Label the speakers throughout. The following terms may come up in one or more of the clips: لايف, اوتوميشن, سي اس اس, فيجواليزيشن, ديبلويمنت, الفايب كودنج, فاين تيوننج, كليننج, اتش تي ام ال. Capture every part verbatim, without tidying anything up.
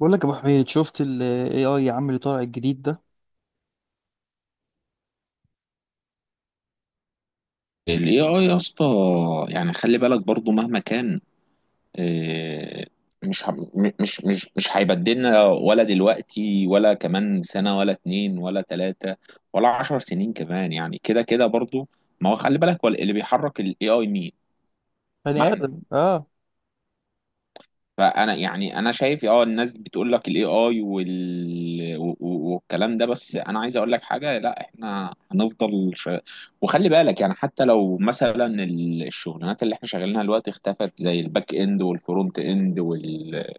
Speaker 1: بقول لك يا ابو حميد، شفت الاي اي يا عم اللي طالع الجديد ده؟
Speaker 2: ال إيه آي يا اسطى. يعني خلي بالك برضو مهما كان، آه، مش ه- م- مش مش مش هيبدلنا ولا دلوقتي ولا كمان سنة ولا اتنين ولا تلاتة ولا عشر سنين كمان. يعني كده كده برضو. ما هو خلي بالك، هو اللي بيحرك ال إيه آي مين؟ ما
Speaker 1: بني
Speaker 2: احنا.
Speaker 1: ادم، اه.
Speaker 2: فانا يعني انا شايف اه الناس بتقول لك الاي اي وال... و- و- والكلام ده. بس انا عايز اقول لك حاجه، لا احنا هنفضل ش... وخلي بالك، يعني حتى لو مثلا ال- الشغلانات اللي احنا شغالينها دلوقتي اختفت، زي الباك اند والفرونت اند وال...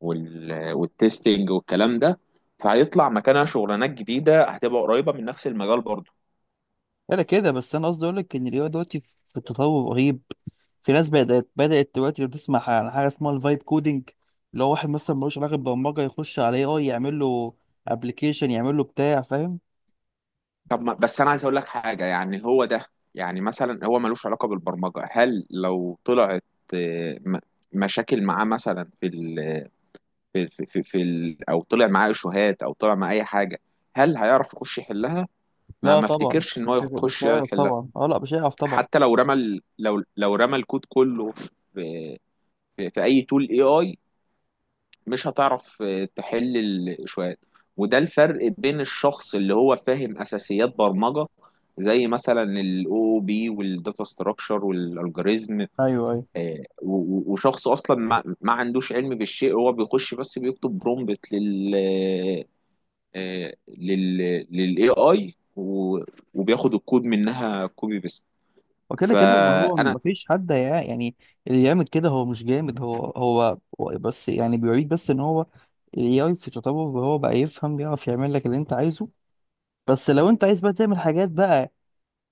Speaker 2: وال... والتستنج والكلام ده، فهيطلع مكانها شغلانات جديده هتبقى قريبه من نفس المجال برضه.
Speaker 1: انا كده، بس انا قصدي اقول لك ان الاي اي دلوقتي في تطور رهيب. في ناس بدات بدات دلوقتي، لو تسمع عن حاجه اسمها الفايب كودنج، اللي هو واحد مثلا ملوش علاقه بالبرمجه يخش على اي اي يعمل له ابلكيشن، يعمل له بتاع، فاهم؟
Speaker 2: طب ما بس انا عايز اقول لك حاجه، يعني هو ده. يعني مثلا هو ملوش علاقه بالبرمجه، هل لو طلعت آه، م- مشاكل معاه مثلا في ال في في في, في ال او طلع معاه شهات او طلع معاه اي حاجه، هل هيعرف يخش يحلها؟ ما
Speaker 1: لا
Speaker 2: ما
Speaker 1: طبعا
Speaker 2: افتكرش ان
Speaker 1: مش
Speaker 2: هو
Speaker 1: هيعرف، مش
Speaker 2: يخش
Speaker 1: هيعرف
Speaker 2: يحلها.
Speaker 1: طبعا، اه لا مش هيعرف طبعا.
Speaker 2: حتى لو رمى ال- لو لو رمى الكود كله في في, في اي تول اي اي، مش هتعرف آه، تحل الشوية. وده الفرق بين الشخص اللي هو فاهم اساسيات برمجه، زي مثلا الاو بي والداتا ستراكشر والالجوريزم،
Speaker 1: ايوه ايوه.
Speaker 2: آه، و- و- وشخص اصلا ما, ما عندوش علم بالشيء، هو بيخش بس بيكتب برومبت لل آه، لل للاي اي وبياخد الكود منها كوبي بيست.
Speaker 1: وكده كده ما هو
Speaker 2: فانا
Speaker 1: مفيش حد هيع- يعني اللي يعمل كده هو مش جامد، هو هو هو بس يعني بيوريك بس ان هو الاي في تطور، وهو بقى يفهم، بيعرف يعمل لك اللي انت عايزه. بس لو انت عايز بقى تعمل حاجات بقى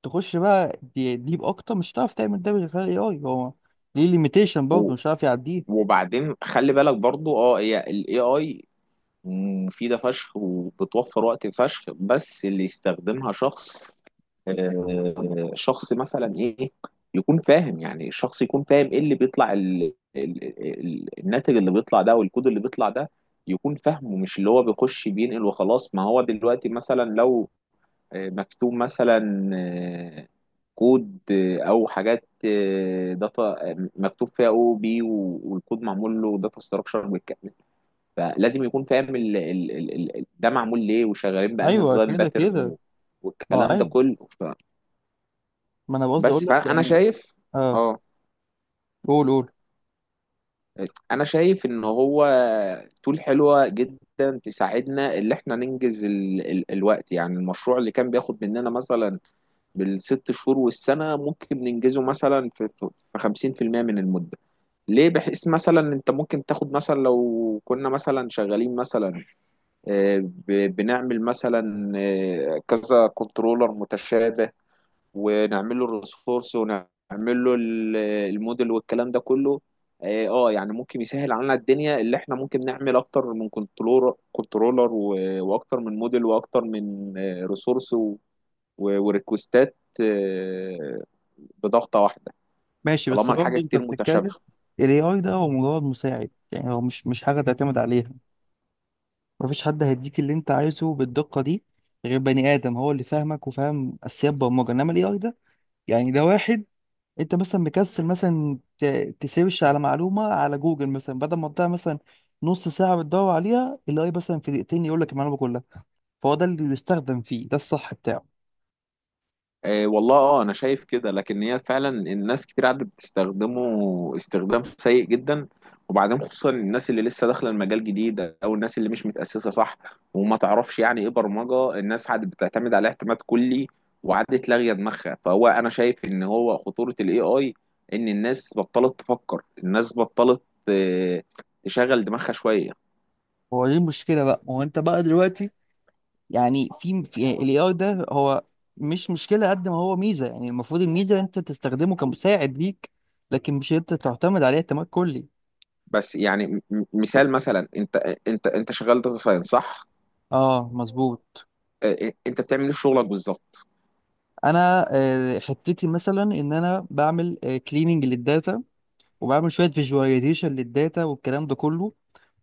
Speaker 1: تخش بقى دي- ديب اكتر، مش هتعرف تعمل ده من غير الاي اي. هو ليه ليميتيشن
Speaker 2: و
Speaker 1: برضه مش هتعرف يعديه.
Speaker 2: وبعدين خلي بالك برضو، اه هي الاي اي مفيدة فشخ وبتوفر وقت فشخ، بس اللي يستخدمها شخص آه، شخص مثلا ايه، يكون فاهم. يعني شخص يكون فاهم ايه اللي بيطلع ال... ال... ال... الناتج اللي بيطلع ده، والكود اللي بيطلع ده يكون فاهمه، مش اللي هو بيخش بينقل وخلاص. ما هو دلوقتي مثلا لو آه، مكتوب مثلا آه، كود آه، او حاجات آه، داتا آه، مكتوب فيها او بي، والكود معمول له داتا ستراكشر، فلازم يكون فاهم ال ال ال ال ده معمول ليه وشغالين بأنهي
Speaker 1: ايوه
Speaker 2: ديزاين
Speaker 1: كده
Speaker 2: باترن،
Speaker 1: كده.
Speaker 2: و-
Speaker 1: ما هو
Speaker 2: والكلام ده
Speaker 1: ايوه،
Speaker 2: كله ف...
Speaker 1: ما انا قصدي اقول
Speaker 2: بس
Speaker 1: لك
Speaker 2: فأنا
Speaker 1: يعني
Speaker 2: شايف
Speaker 1: اه.
Speaker 2: اه
Speaker 1: قول قول.
Speaker 2: أنا شايف إن هو تول حلوة جدا، تساعدنا إن إحنا ننجز ال ال الوقت. يعني المشروع اللي كان بياخد مننا مثلا بالست شهور والسنة، ممكن ننجزه مثلا في في في خمسين في المية من المدة. ليه؟ بحيث مثلا أنت ممكن تاخد مثلا لو كنا مثلا شغالين مثلا ب- بنعمل مثلا آه، كذا كنترولر متشابه، ونعمل له الريسورس، ونعمل له ال- الموديل والكلام ده كله. اه آه، يعني ممكن يسهل علينا الدنيا، اللي احنا ممكن نعمل اكتر من كنترولر كنترولر و- واكتر من موديل واكتر من ريسورس وريكوستات بضغطة واحدة،
Speaker 1: ماشي، بس
Speaker 2: طالما الحاجة
Speaker 1: برضه انت
Speaker 2: كتير
Speaker 1: بتتكلم.
Speaker 2: متشابهة.
Speaker 1: الاي اي ده هو مجرد مساعد، يعني هو مش مش حاجه تعتمد عليها. مفيش حد هيديك اللي انت عايزه بالدقة دي غير بني آدم، هو اللي فاهمك وفاهم أساسيات برمجة، انما الاي اي ده يعني ده واحد انت مثلا مكسل مثلا ت- تسيرش على معلومة على جوجل، مثلا بدل ما تضيع مثلا نص ساعة بتدور عليها، الاي مثلا في دقيقتين يقول لك المعلومة كلها. فهو ده اللي بيستخدم فيه، ده الصح بتاعه.
Speaker 2: آه، والله اه انا شايف كده، لكن هي فعلا الناس كتير قاعده بتستخدمه استخدام سيء جدا، وبعدين خصوصا الناس اللي لسه داخله المجال جديد، او الناس اللي مش متاسسه صح وما تعرفش يعني ايه برمجه. الناس قاعده بتعتمد عليه اعتماد كلي، وقعدت لاغيه دماغها. فهو انا شايف ان هو خطوره الاي اي، ان الناس بطلت تفكر، الناس بطلت آه، تشغل دماغها شويه.
Speaker 1: هو دي المشكلة بقى، ما هو انت بقى دلوقتي يعني في في الاي اي ده هو مش مشكلة قد ما هو ميزة. يعني المفروض الميزة انت تستخدمه كمساعد ليك، لكن مش انت تعتمد عليه اعتماد كلي.
Speaker 2: بس يعني م- م- مثال، مثلا انت، انت انت شغال داتا ساينس صح؟
Speaker 1: اه مظبوط.
Speaker 2: آه، انت بتعمل ايه في شغلك بالظبط؟
Speaker 1: انا آه، حتتي مثلا ان انا بعمل كليننج للداتا، وبعمل شويه فيجواليزيشن للداتا والكلام ده كله،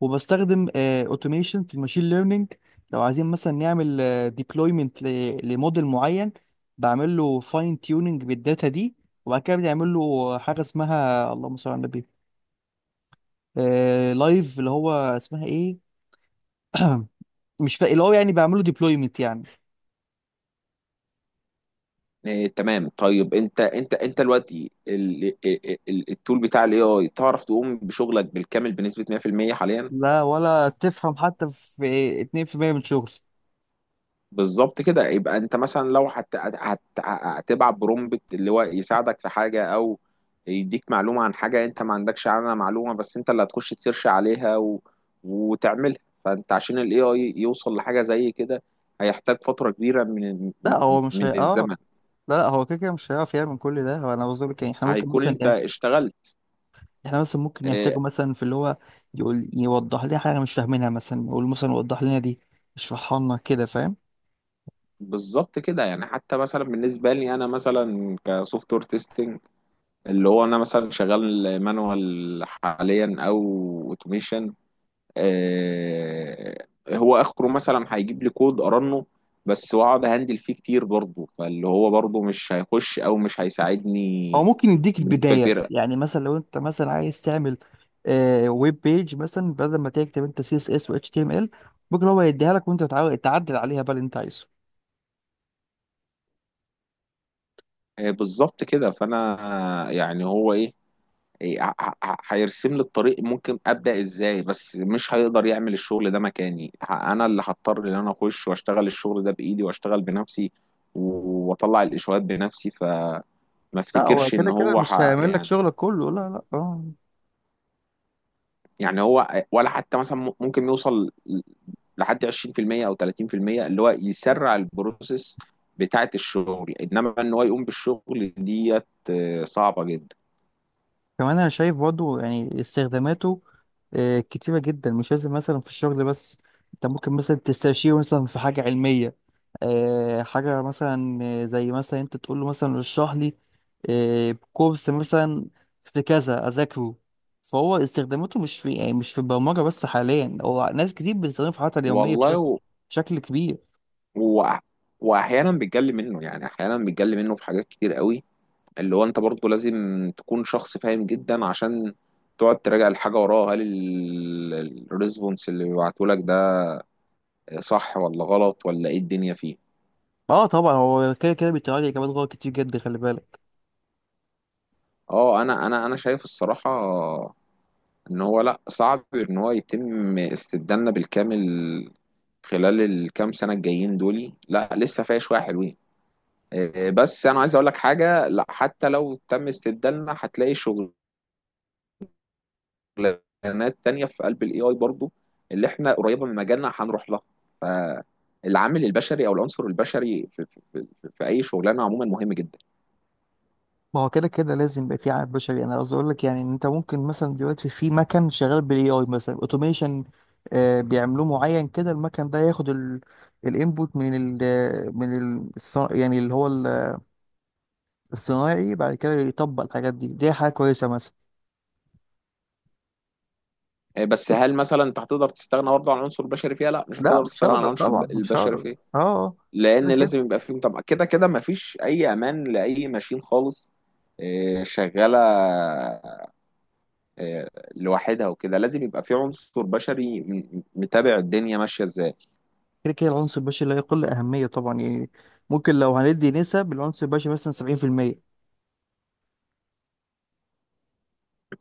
Speaker 1: وبستخدم اوتوميشن في الماشين ليرنينج. لو عايزين مثلا نعمل ديبلويمنت لموديل معين، بعمل له فاين تيوننج بالداتا دي، وبعد كده بنعمل له حاجه اسمها اللهم صل على النبي، لايف، اللي هو اسمها ايه؟ مش فاهم. اللي هو يعني بعمله ديبلويمنت يعني.
Speaker 2: إيه، تمام. طيب انت، انت انت دلوقتي ال- ال- ال- التول بتاع الاي اي، تعرف تقوم بشغلك بالكامل بنسبة مية في المية حاليا؟
Speaker 1: لا، ولا تفهم حتى في اتنين في المية من شغل.
Speaker 2: بالظبط كده. يبقى انت مثلا لو هت... هت... هتبعت برومبت اللي هو يساعدك في حاجة، او يديك معلومة عن حاجة انت ما عندكش عنها معلومة، بس انت اللي هتخش تسيرش عليها و... وتعملها، فانت عشان الاي اي يوصل لحاجة زي كده، هيحتاج فترة كبيرة من
Speaker 1: لا هو مش هي،
Speaker 2: من
Speaker 1: اه.
Speaker 2: الزمن،
Speaker 1: لا لا، هو كده كده مش هيعرف يعمل كل ده. هو انا بقول لك يعني احنا ممكن
Speaker 2: هيكون
Speaker 1: مثلا
Speaker 2: انت
Speaker 1: إيه،
Speaker 2: اشتغلت.
Speaker 1: احنا مثلا ممكن
Speaker 2: آه،
Speaker 1: يحتاجوا مثلا في اللي هو يقول يوضح لنا حاجه مش فاهمينها، مثلا يقول مثلا وضح لنا دي، اشرحها لنا كده، فاهم؟
Speaker 2: بالظبط كده. يعني حتى مثلا بالنسبه لي انا، مثلا كسوفت وير تيستنج، اللي هو انا مثلا شغال مانوال حاليا او اوتوميشن، آه هو اخره مثلا هيجيب لي كود ارنه بس، واقعد اهندل فيه كتير برضه، فاللي هو برضه مش هيخش او مش
Speaker 1: او
Speaker 2: هيساعدني
Speaker 1: ممكن يديك
Speaker 2: بنسبه
Speaker 1: البدايه،
Speaker 2: كبيره.
Speaker 1: يعني مثلا لو انت مثلا عايز تعمل آه ويب بيج مثلا، بدل ما تكتب انت سي اس اس و اتش تي ام ال، ممكن هو يديها لك وانت تعا- تعدل عليها بقى اللي انت عايزه.
Speaker 2: آه، بالظبط كده. فانا يعني هو ايه، إيه، ه- ه- ه- هيرسم لي الطريق ممكن ابدا ازاي، بس مش هيقدر يعمل الشغل ده مكاني، ه- انا اللي هضطر ان انا اخش واشتغل الشغل ده بايدي واشتغل بنفسي، و- واطلع الاشوات بنفسي. فما
Speaker 1: لا هو
Speaker 2: افتكرش ان
Speaker 1: كده كده
Speaker 2: هو
Speaker 1: مش
Speaker 2: ح...
Speaker 1: هيعمل لك
Speaker 2: يعني.
Speaker 1: شغلك كله، لا لا، اه.
Speaker 2: يعني هو ولا حتى مثلا م- ممكن يوصل لحد عشرين في المية او تلاتين في المية، اللي هو يسرع البروسيس بتاعت الشغل، انما ان هو يقوم بالشغل ديت آه، صعبة جدا
Speaker 1: كمان انا شايف برضو يعني استخداماته آه، كتيرة جدا، مش لازم مثلا في الشغل بس. انت ممكن مثلا تستشيره مثلا في حاجة علمية، آه، حاجة مثلا، آه، زي مثلا انت تقول له مثلا اشرح لي آه، كورس مثلا في كذا اذاكره. فهو استخداماته مش في يعني مش في البرمجة بس حاليا. هو ناس كتير بتستخدمه في حياتها اليومية بشكل،
Speaker 2: والله.
Speaker 1: بشكل كبير.
Speaker 2: و... واحيانا بيتجلي منه، يعني احيانا بيتجلي منه في حاجات كتير قوي، اللي هو انت برضه لازم تكون شخص فاهم جدا، عشان تقعد تراجع الحاجه وراها، هل الريسبونس اللي بيبعته لك ده صح ولا غلط، ولا ايه الدنيا فيه.
Speaker 1: اه طبعا هو كده كده بيطلع لي اجابات غلط كتير جدا، خلي بالك.
Speaker 2: اه انا انا انا شايف الصراحه ان هو، لا، صعب ان هو يتم استبدالنا بالكامل خلال الكام سنه الجايين دولي، لا لسه فيها شويه حلوين. آه، بس انا عايز اقول لك حاجه، لا حتى لو تم استبدالنا هتلاقي شغل شغلانات تانية في قلب الاي اي برضو، اللي احنا قريبه من مجالنا هنروح لها. فالعامل البشري، او العنصر البشري في, في, في, في في اي شغلانه عموما مهم جدا.
Speaker 1: ما هو كده كده لازم يبقى في عامل بشري. انا قصدي اقول لك يعني ان انت ممكن مثلا دلوقتي في مكن شغال بالاي اي مثلا، اوتوميشن بيعملوه معين كده، المكن ده ياخد الانبوت من ال من ال الص- يعني اللي هو ال- الصناعي، بعد كده يطبق الحاجات دي. دي حاجه كويسه مثلا.
Speaker 2: آه، بس هل مثلا انت هتقدر تستغنى برضه عن العنصر البشري فيها؟ لا، مش
Speaker 1: لا
Speaker 2: هتقدر
Speaker 1: مش
Speaker 2: تستغنى عن
Speaker 1: هقدر
Speaker 2: العنصر
Speaker 1: طبعا،
Speaker 2: الب-
Speaker 1: مش
Speaker 2: البشري
Speaker 1: هقدر،
Speaker 2: فيها،
Speaker 1: اه آه.
Speaker 2: لان
Speaker 1: كده
Speaker 2: لازم
Speaker 1: كده.
Speaker 2: يبقى فيه طبعا. كده كده مفيش اي امان لاي ماشين خالص آه، شغاله آه، لوحدها وكده، لازم يبقى في عنصر بشري م- متابع الدنيا ماشيه ازاي.
Speaker 1: كده كده العنصر البشري لا يقل اهميه طبعا، يعني ممكن لو هندي نسب العنصر البشري مثلا سبعين في المية.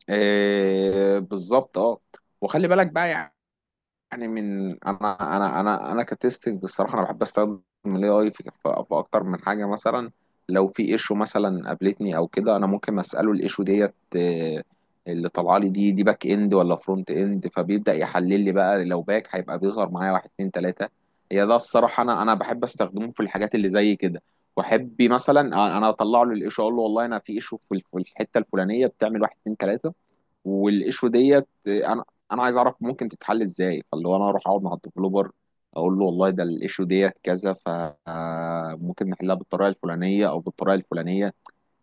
Speaker 2: آه، بالظبط. اه وخلي بالك بقى، يعني من انا انا انا انا كتستنج بصراحه، انا بحب استخدم الاي اي في في اكتر من حاجه. مثلا لو في ايشو مثلا قابلتني او كده، انا ممكن اساله الايشو ديت آه، اللي طالعه لي، دي دي باك اند ولا فرونت اند، فبيبدا يحلل لي بقى، لو باك هيبقى بيظهر معايا واحد اتنين تلاته. هي ده الصراحه، انا انا بحب استخدمه في الحاجات اللي زي كده. واحب مثلا انا اطلع له الايشو، اقول له والله انا في ايشو في الف- في الحته الفلانيه بتعمل واحد اتنين تلاته، والايشو ديت انا انا عايز اعرف ممكن تتحل ازاي، فاللي هو انا اروح اقعد مع الديفلوبر، اقول له والله ده الايشو ديت كذا، فممكن نحلها بالطريقه الفلانيه او بالطريقه الفلانيه.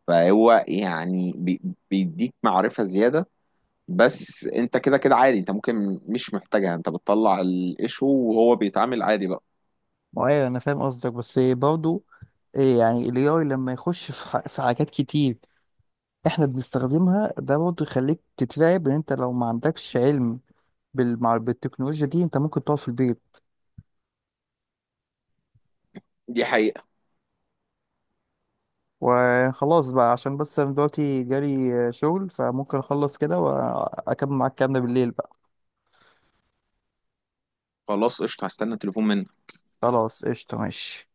Speaker 2: فهو يعني بي- بيديك معرفه زياده، بس انت كده كده عادي، انت ممكن مش محتاجها، انت بتطلع الايشو وهو بيتعامل عادي بقى.
Speaker 1: ما هو ايوه، انا فاهم قصدك بس برضه إيه، يعني ال ايه آي لما يخش في ح- في حاجات كتير احنا بنستخدمها ده، برضه يخليك تترعب ان انت لو ما عندكش علم بالمع بالتكنولوجيا دي انت ممكن تقعد في البيت.
Speaker 2: دي حقيقه.
Speaker 1: وخلاص بقى، عشان بس انا دلوقتي جالي آه، شغل، فممكن اخلص كده واكمل معاك كلامنا بالليل بقى.
Speaker 2: خلاص قشطه، هستنى تليفون منك.
Speaker 1: خلاص قشطة، ماشي.